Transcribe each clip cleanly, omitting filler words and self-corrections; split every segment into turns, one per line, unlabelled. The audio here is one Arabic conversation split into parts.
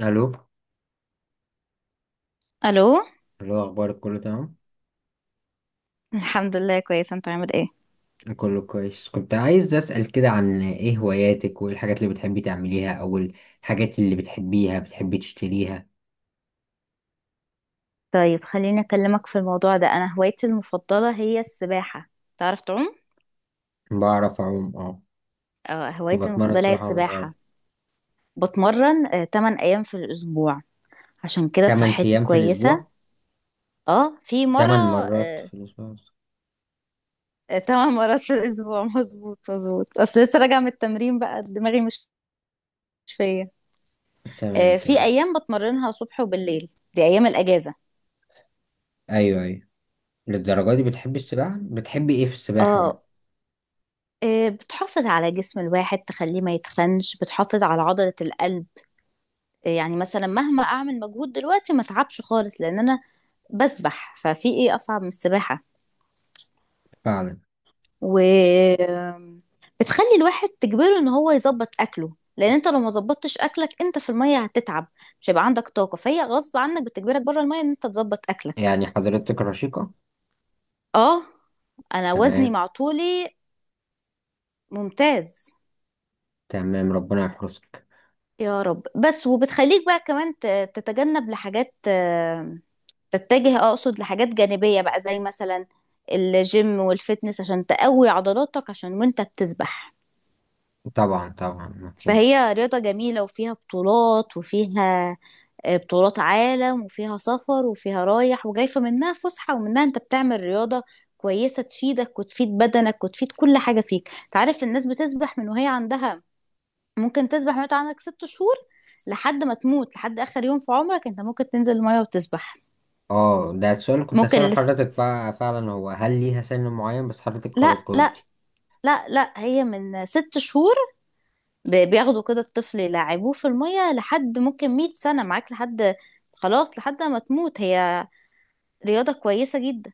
الو،
الو.
الو. اخبارك؟ كله تمام؟
الحمد لله كويسه، انت عامل ايه؟
كله كويس. كنت عايز اسال كده عن ايه هواياتك، وايه الحاجات اللي بتحبي تعمليها او الحاجات اللي بتحبيها بتحبي تشتريها؟
طيب خليني أكلمك في الموضوع ده. أنا هوايتي المفضلة هي السباحة. تعرف تعوم؟
بعرف اعوم، اه. كنت
هوايتي
بتمرن
المفضلة هي
سباحه وانا
السباحة.
صغير؟
بتمرن 8 أيام في الأسبوع، عشان كده
8
صحتي
ايام في
كويسة.
الاسبوع؟
اه في مرة.
8 مرات
آه،
في الاسبوع.
8 مرات في الأسبوع مظبوط مظبوط، أصل لسه راجعة من التمرين بقى دماغي مش فيا.
تمام،
في
تمام.
أيام بتمرنها صبح وبالليل، دي أيام الأجازة.
ايوه، ايوه. للدرجه دي بتحبي السباحه؟ بتحبي ايه في السباحه بقى؟
اه، بتحافظ على جسم الواحد تخليه ما يتخنش، بتحافظ على عضلة القلب. يعني مثلا مهما اعمل مجهود دلوقتي ما اتعبش خالص، لان انا بسبح، ففي ايه اصعب من السباحه؟
فعلا.
و بتخلي الواحد، تجبره ان هو يظبط اكله، لان انت لو ما ظبطتش اكلك انت في الميه هتتعب، مش هيبقى عندك طاقه. فهي غصب عنك بتجبرك بره الميه ان انت تظبط اكلك.
يعني حضرتك رشيقه؟
اه، انا وزني
تمام،
مع طولي ممتاز.
تمام، ربنا يحرسك.
يا رب. بس وبتخليك بقى كمان تتجنب لحاجات، تتجه اقصد لحاجات جانبية بقى، زي مثلا الجيم والفتنس، عشان تقوي عضلاتك عشان وانت بتسبح.
طبعا، طبعا، مفهوم.
فهي رياضة جميلة وفيها بطولات وفيها بطولات عالم، وفيها سفر وفيها رايح وجاي. فمنها فسحة ومنها انت بتعمل رياضة كويسة، تفيدك وتفيد بدنك وتفيد كل حاجة فيك. تعرف الناس بتسبح من وهي عندها، ممكن تسبح وانت عندك ست شهور لحد ما تموت، لحد آخر يوم في عمرك انت ممكن تنزل المية وتسبح.
اه، ده السؤال اللي كنت
ممكن
هسأله
لس...
حضرتك فعلا. هو هل ليها سن معين؟ بس حضرتك خلاص
لا لا.
جاوبتي.
لا لا، هي من ست شهور، بياخدوا كده الطفل يلعبوه في المية، لحد ممكن مية سنة معاك، لحد خلاص لحد ما تموت. هي رياضة كويسة جدا.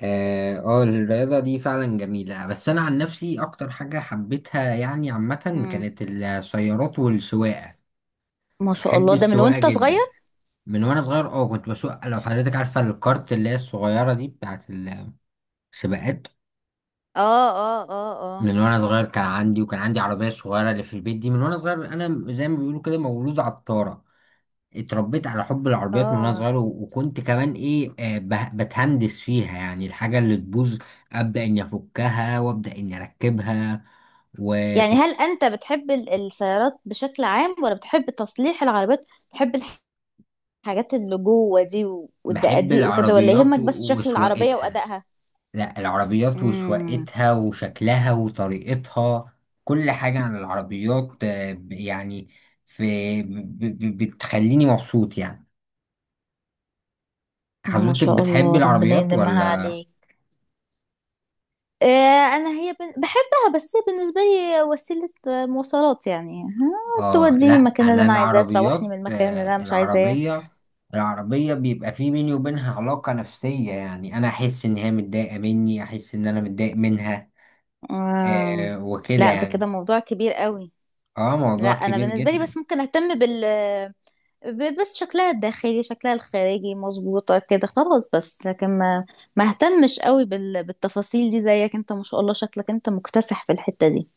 اه. الرياضة دي فعلا جميلة. بس أنا عن نفسي أكتر حاجة حبيتها يعني عامة
مم.
كانت السيارات والسواقة.
ما شاء
بحب
الله، ده من
السواقة
وانت صغير؟
جدا. من وأنا صغير اه كنت بسوق. لو حضرتك عارفة الكارت اللي هي الصغيرة دي بتاعت السباقات.
اه اه اه، اه
من وأنا صغير كان عندي عربية صغيرة اللي في البيت دي. من وأنا صغير أنا زي ما بيقولوا كده مولود عطارة. اتربيت على حب العربيات من وانا
اه.
صغير، وكنت كمان ايه، بتهندس فيها، يعني الحاجة اللي تبوظ ابدأ اني افكها وابدأ اني اركبها.
يعني
وكنت
هل انت بتحب السيارات بشكل عام، ولا بتحب تصليح العربيات، بتحب الحاجات اللي جوه دي
بحب
والدقاديق وكده، ولا
العربيات
يهمك بس شكل العربية
وسواقتها.
وأدائها؟
لا، العربيات
امم،
وسواقتها وشكلها وطريقتها. كل حاجة عن العربيات، يعني، في بتخليني مبسوط. يعني
ما
حضرتك
شاء
بتحب
الله ربنا
العربيات
يديمها
ولا؟
عليك. آه، انا هي بحبها، بس هي بالنسبه لي وسيله مواصلات يعني،
اه،
توديني
لا،
المكان اللي
انا
انا عايزاه، تروحني
العربيات،
من المكان اللي انا مش عايزاه.
العربيه بيبقى في بيني وبينها علاقه نفسيه. يعني انا احس ان هي متضايقه مني، احس ان انا متضايق منها.
آه.
وكده
لا ده كده
يعني.
موضوع كبير قوي.
اه،
لا
موضوع
انا
كبير
بالنسبه لي
جدا.
بس ممكن اهتم بس شكلها الداخلي، شكلها الخارجي، مظبوطه كده خلاص. بس لكن ما ما اهتمش قوي بالتفاصيل دي زيك. انت ما شاء الله شكلك انت مكتسح في الحته دي.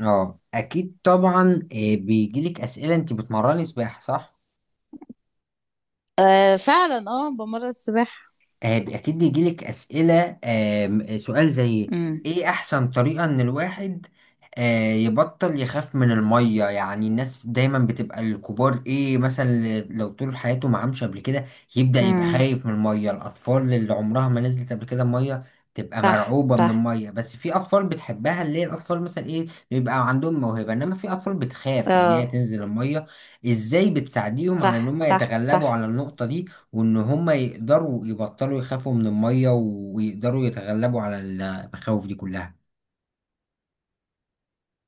اه، اكيد طبعا. بيجيلك اسئله؟ انت بتمرني سباحه، صح؟
آه فعلا، اه بمرة السباحة.
اكيد بيجيلك اسئله، سؤال زي
امم.
ايه احسن طريقه ان الواحد يبطل يخاف من الميه؟ يعني الناس دايما بتبقى الكبار، ايه مثلا لو طول حياته ما عامش قبل كده يبدا يبقى
امم.
خايف من الميه. الاطفال اللي عمرها ما نزلت قبل كده الميه تبقى
صح
مرعوبه من
صح.
الميه. بس في اطفال بتحبها، اللي هي الاطفال مثلا ايه، بيبقى عندهم موهبه. انما في اطفال بتخاف ان هي
اه،
تنزل الميه. ازاي بتساعديهم على ان
صح
هم
صح
يتغلبوا
صح.
على النقطه دي، وان هم يقدروا يبطلوا يخافوا من المية، ويقدروا يتغلبوا على المخاوف دي كلها؟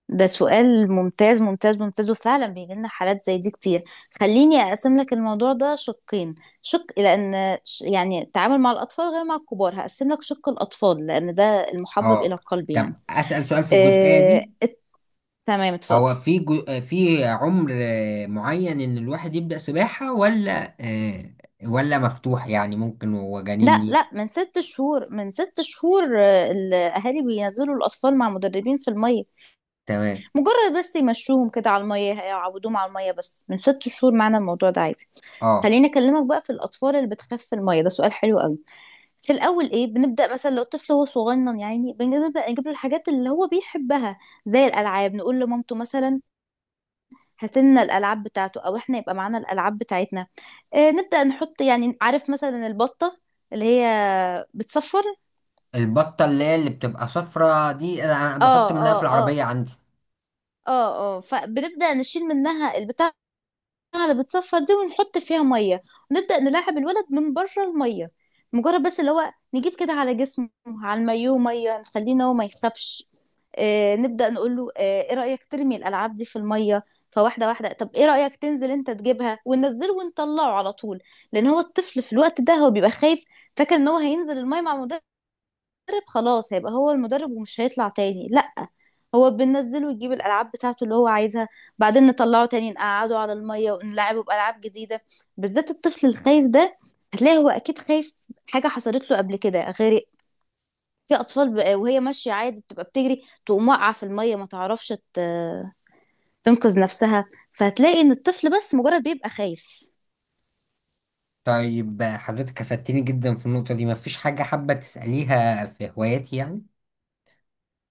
ده سؤال ممتاز ممتاز ممتاز، وفعلا بيجي لنا حالات زي دي كتير. خليني اقسم لك الموضوع ده شقين، شق، يعني التعامل مع الاطفال غير مع الكبار، هقسم لك شق الاطفال لان ده المحبب الى
اه،
القلب يعني.
طب اسأل سؤال في الجزئية
آه...
دي.
ات- تمام اتفضل.
هو في في عمر معين ان الواحد يبدأ سباحة؟ ولا آه، ولا مفتوح؟ يعني ممكن وهو جنين
لا لا، من ست شهور، من ست شهور الاهالي بينزلوا الاطفال مع مدربين في الميه،
تمام،
مجرد بس يمشوهم كده على الميه، هيعودوهم على الميه. بس من ست شهور معنا الموضوع ده عادي.
اه.
خليني اكلمك بقى في الاطفال اللي بتخاف في الميه، ده سؤال حلو قوي. في الاول ايه، بنبدا مثلا لو الطفل هو صغنن، يعني بنبدا نجيب له الحاجات اللي هو بيحبها زي الالعاب. نقول لمامته مثلا هات لنا الالعاب بتاعته، او احنا يبقى معانا الالعاب بتاعتنا. آه نبدا نحط، يعني عارف مثلا البطه اللي هي بتصفر.
البطة اللي هي اللي بتبقى صفرة دي انا
اه
بحط منها في
اه اه،
العربية عندي.
اه اه. فبنبدا نشيل منها البتاع على بتصفى دي، ونحط فيها ميه، ونبدأ نلاعب الولد من بره الميه، مجرد بس اللي هو نجيب كده على جسمه على المايوه ميه، نخليه إن هو ما يخافش. آه نبدأ نقول له آه ايه رأيك ترمي الألعاب دي في الميه؟ فواحدة واحدة. طب ايه رأيك تنزل انت تجيبها؟ وننزله ونطلعه على طول، لأن هو الطفل في الوقت ده هو بيبقى خايف، فاكر ان هو هينزل الميه مع المدرب خلاص، هيبقى هو المدرب ومش هيطلع تاني. لأ، هو بننزله يجيب الألعاب بتاعته اللي هو عايزها، بعدين نطلعه تاني، نقعده على المية ونلعبه بألعاب جديدة. بالذات الطفل الخايف ده، هتلاقي هو أكيد خايف، حاجة حصلت له قبل كده. غير في أطفال بقى، وهي ماشية عادي بتبقى بتجري تقوم واقعة في المية، ما تعرفش تنقذ نفسها. فهتلاقي إن الطفل بس مجرد بيبقى خايف.
طيب، حضرتك افدتني جدا في النقطة دي. مفيش حاجة حابة تسأليها في هواياتي يعني؟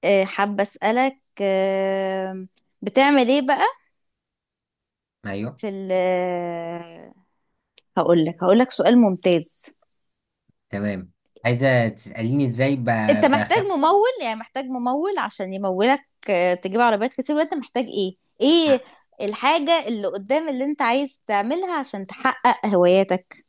حابة أسألك بتعمل إيه بقى
ايوه.
في هقول لك، هقول لك سؤال ممتاز.
تمام. عايزة تسأليني ازاي
انت
بخ...
محتاج ممول، يعني محتاج ممول عشان يمولك تجيب عربيات كتير، وانت محتاج ايه،
ع-
ايه الحاجة اللي قدام اللي انت عايز تعملها عشان تحقق هواياتك؟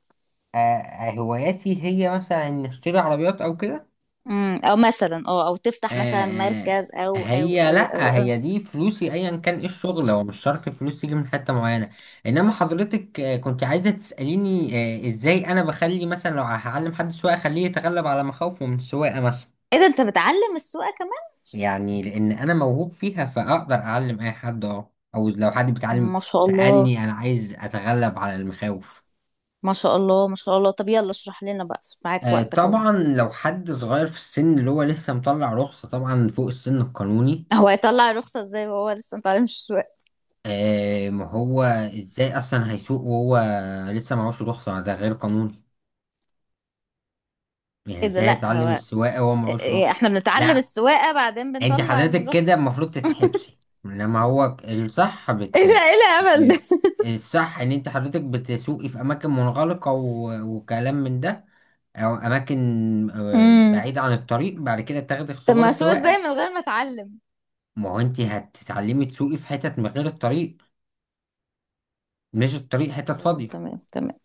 هواياتي هي مثلا إن اشتري عربيات او كده.
امم، او مثلا اه، او تفتح مثلا
آه،
مركز او او
هي،
او او,
لا،
أو.
هي دي فلوسي. ايا كان ايه الشغل، هو مش شرط فلوس تيجي من حتة معينة. انما حضرتك كنت عايزة تسأليني ازاي انا بخلي، مثلا لو هعلم حد سواقة اخليه يتغلب على مخاوفه من السواقة مثلا.
ايه ده انت بتعلم السواقة كمان؟
يعني لان انا موهوب فيها فاقدر اعلم اي حد، اه. او لو حد بيتعلم
ما شاء الله
سألني انا عايز اتغلب على المخاوف.
ما شاء الله ما شاء الله. طب يلا اشرح لنا بقى، معاك وقتك اهو.
طبعا لو حد صغير في السن، اللي هو لسه مطلع رخصة، طبعا فوق السن القانوني.
هو هيطلع الرخصة ازاي وهو لسه متعلمش السواقة؟
ما هو ازاي اصلا هيسوق وهو لسه معهوش رخصة؟ ده غير قانوني. يعني
ايه ده،
ازاي
لا
هيتعلم
هو
السواقة وهو
إيه- إيه،
معهوش
إيه،
رخصة؟
احنا بنتعلم
لا،
السواقة بعدين
انت
بنطلع
حضرتك كده
الرخصة.
المفروض تتحبسي. لما هو الصح
ايه ده، ايه الهبل
ب-
ده؟
الصح ان انت حضرتك بتسوقي في اماكن منغلقة وكلام من ده، او اماكن
امم.
بعيدة عن الطريق. بعد كده تاخدي
طب
اختبار
ما اسوق ازاي
السواقة.
من غير ما اتعلم؟
ما هو انت هتتعلمي تسوقي في حتت من غير الطريق، مش الطريق، حتت
اه
فاضية.
تمام تمام.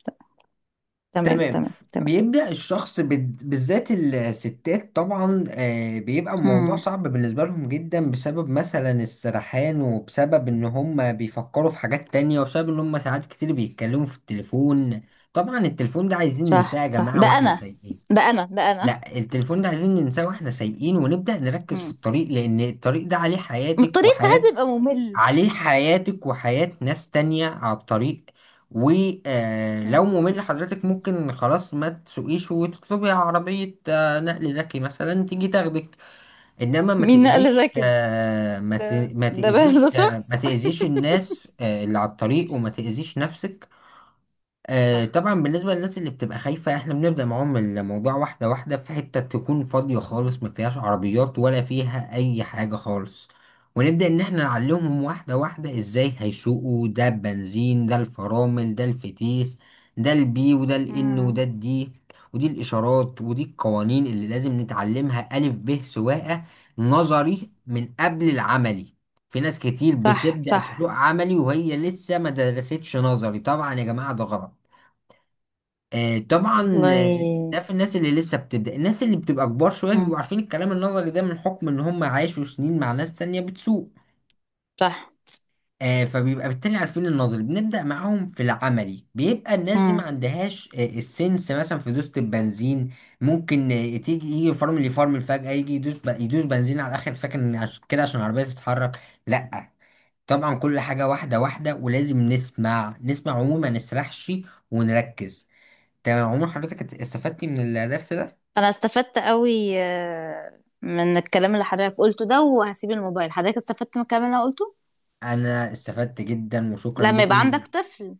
تمام
تمام.
تمام تمام.
بيبدأ الشخص بالذات الستات، طبعا، بيبقى الموضوع
امم.
صعب بالنسبة لهم جدا، بسبب مثلا السرحان، وبسبب ان هم بيفكروا في حاجات تانية، وبسبب ان هم ساعات كتير بيتكلموا في التليفون. طبعا التليفون ده عايزين
صح
ننساه يا
صح.
جماعة
ده
واحنا
انا
سايقين.
ده انا ده انا.
لا، التليفون ده عايزين ننساه واحنا سايقين، ونبدأ نركز في
امم.
الطريق، لان الطريق ده عليه
ما
حياتك
الطريق ساعات
وحياة
بيبقى ممل.
عليه حياتك وحياة ناس تانية على الطريق. ولو
امم.
ممل لحضرتك، ممكن خلاص ما تسوقيش وتطلبي عربية نقل ذكي مثلا تيجي تاخدك. انما
مين قال زي كده؟ بس ده شخص.
ما تأذيش الناس اللي على الطريق، وما تأذيش نفسك.
صح.
طبعا بالنسبة للناس اللي بتبقى خايفة، احنا بنبدأ معاهم الموضوع واحدة واحدة في حتة تكون فاضية خالص، ما فيهاش عربيات ولا فيها أي حاجة خالص. ونبدأ إن احنا نعلمهم واحدة واحدة ازاي هيسوقوا: ده البنزين، ده الفرامل، ده الفتيس، ده البي، وده الإن،
امم.
وده الدي، ودي الإشارات، ودي القوانين اللي لازم نتعلمها. ألف ب سواقة، نظري من قبل العملي. في ناس كتير
صح
بتبدأ تسوق
صح.
عملي وهي لسه ما درستش نظري. طبعا يا جماعة ده غلط. طبعا ده في
والله.
الناس اللي لسه بتبدأ. الناس اللي بتبقى كبار شوية بيبقوا
امم.
عارفين الكلام النظري ده من حكم ان هم عاشوا سنين مع ناس تانية بتسوق.
صح.
فبيبقى بالتالي عارفين النظري، بنبدأ معاهم في العملي. بيبقى الناس دي ما
امم.
عندهاش السنس مثلا في دوسة البنزين. ممكن تيجي يجي فرمل يفرمل فجأة، يجي يدوس يدوس بنزين على الآخر، فاكر إن كده عشان العربية تتحرك. لأ. طبعا كل حاجة واحدة واحدة، ولازم نسمع نسمع عموما ما نسرحش ونركز. تمام. عمر حضرتك استفدتي من الدرس ده؟
انا استفدت قوي من الكلام اللي حضرتك قلته ده، وهسيب الموبايل. حضرتك استفدت من الكلام اللي انا قلته؟
انا استفدت جدا، وشكرا
لما
ليك.
يبقى عندك طفل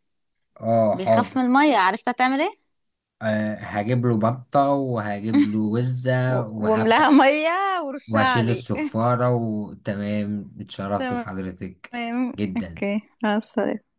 اه،
بيخاف
حاضر.
من المية، عرفت هتعمل ايه؟
أه، هجيب له بطة، وهجيب له وزة، وهبدأ
واملاها مية ورشها
وهشيل
عليه.
الصفارة. وتمام، اتشرفت
تمام.
بحضرتك جدا.
اوكي، مع السلامة.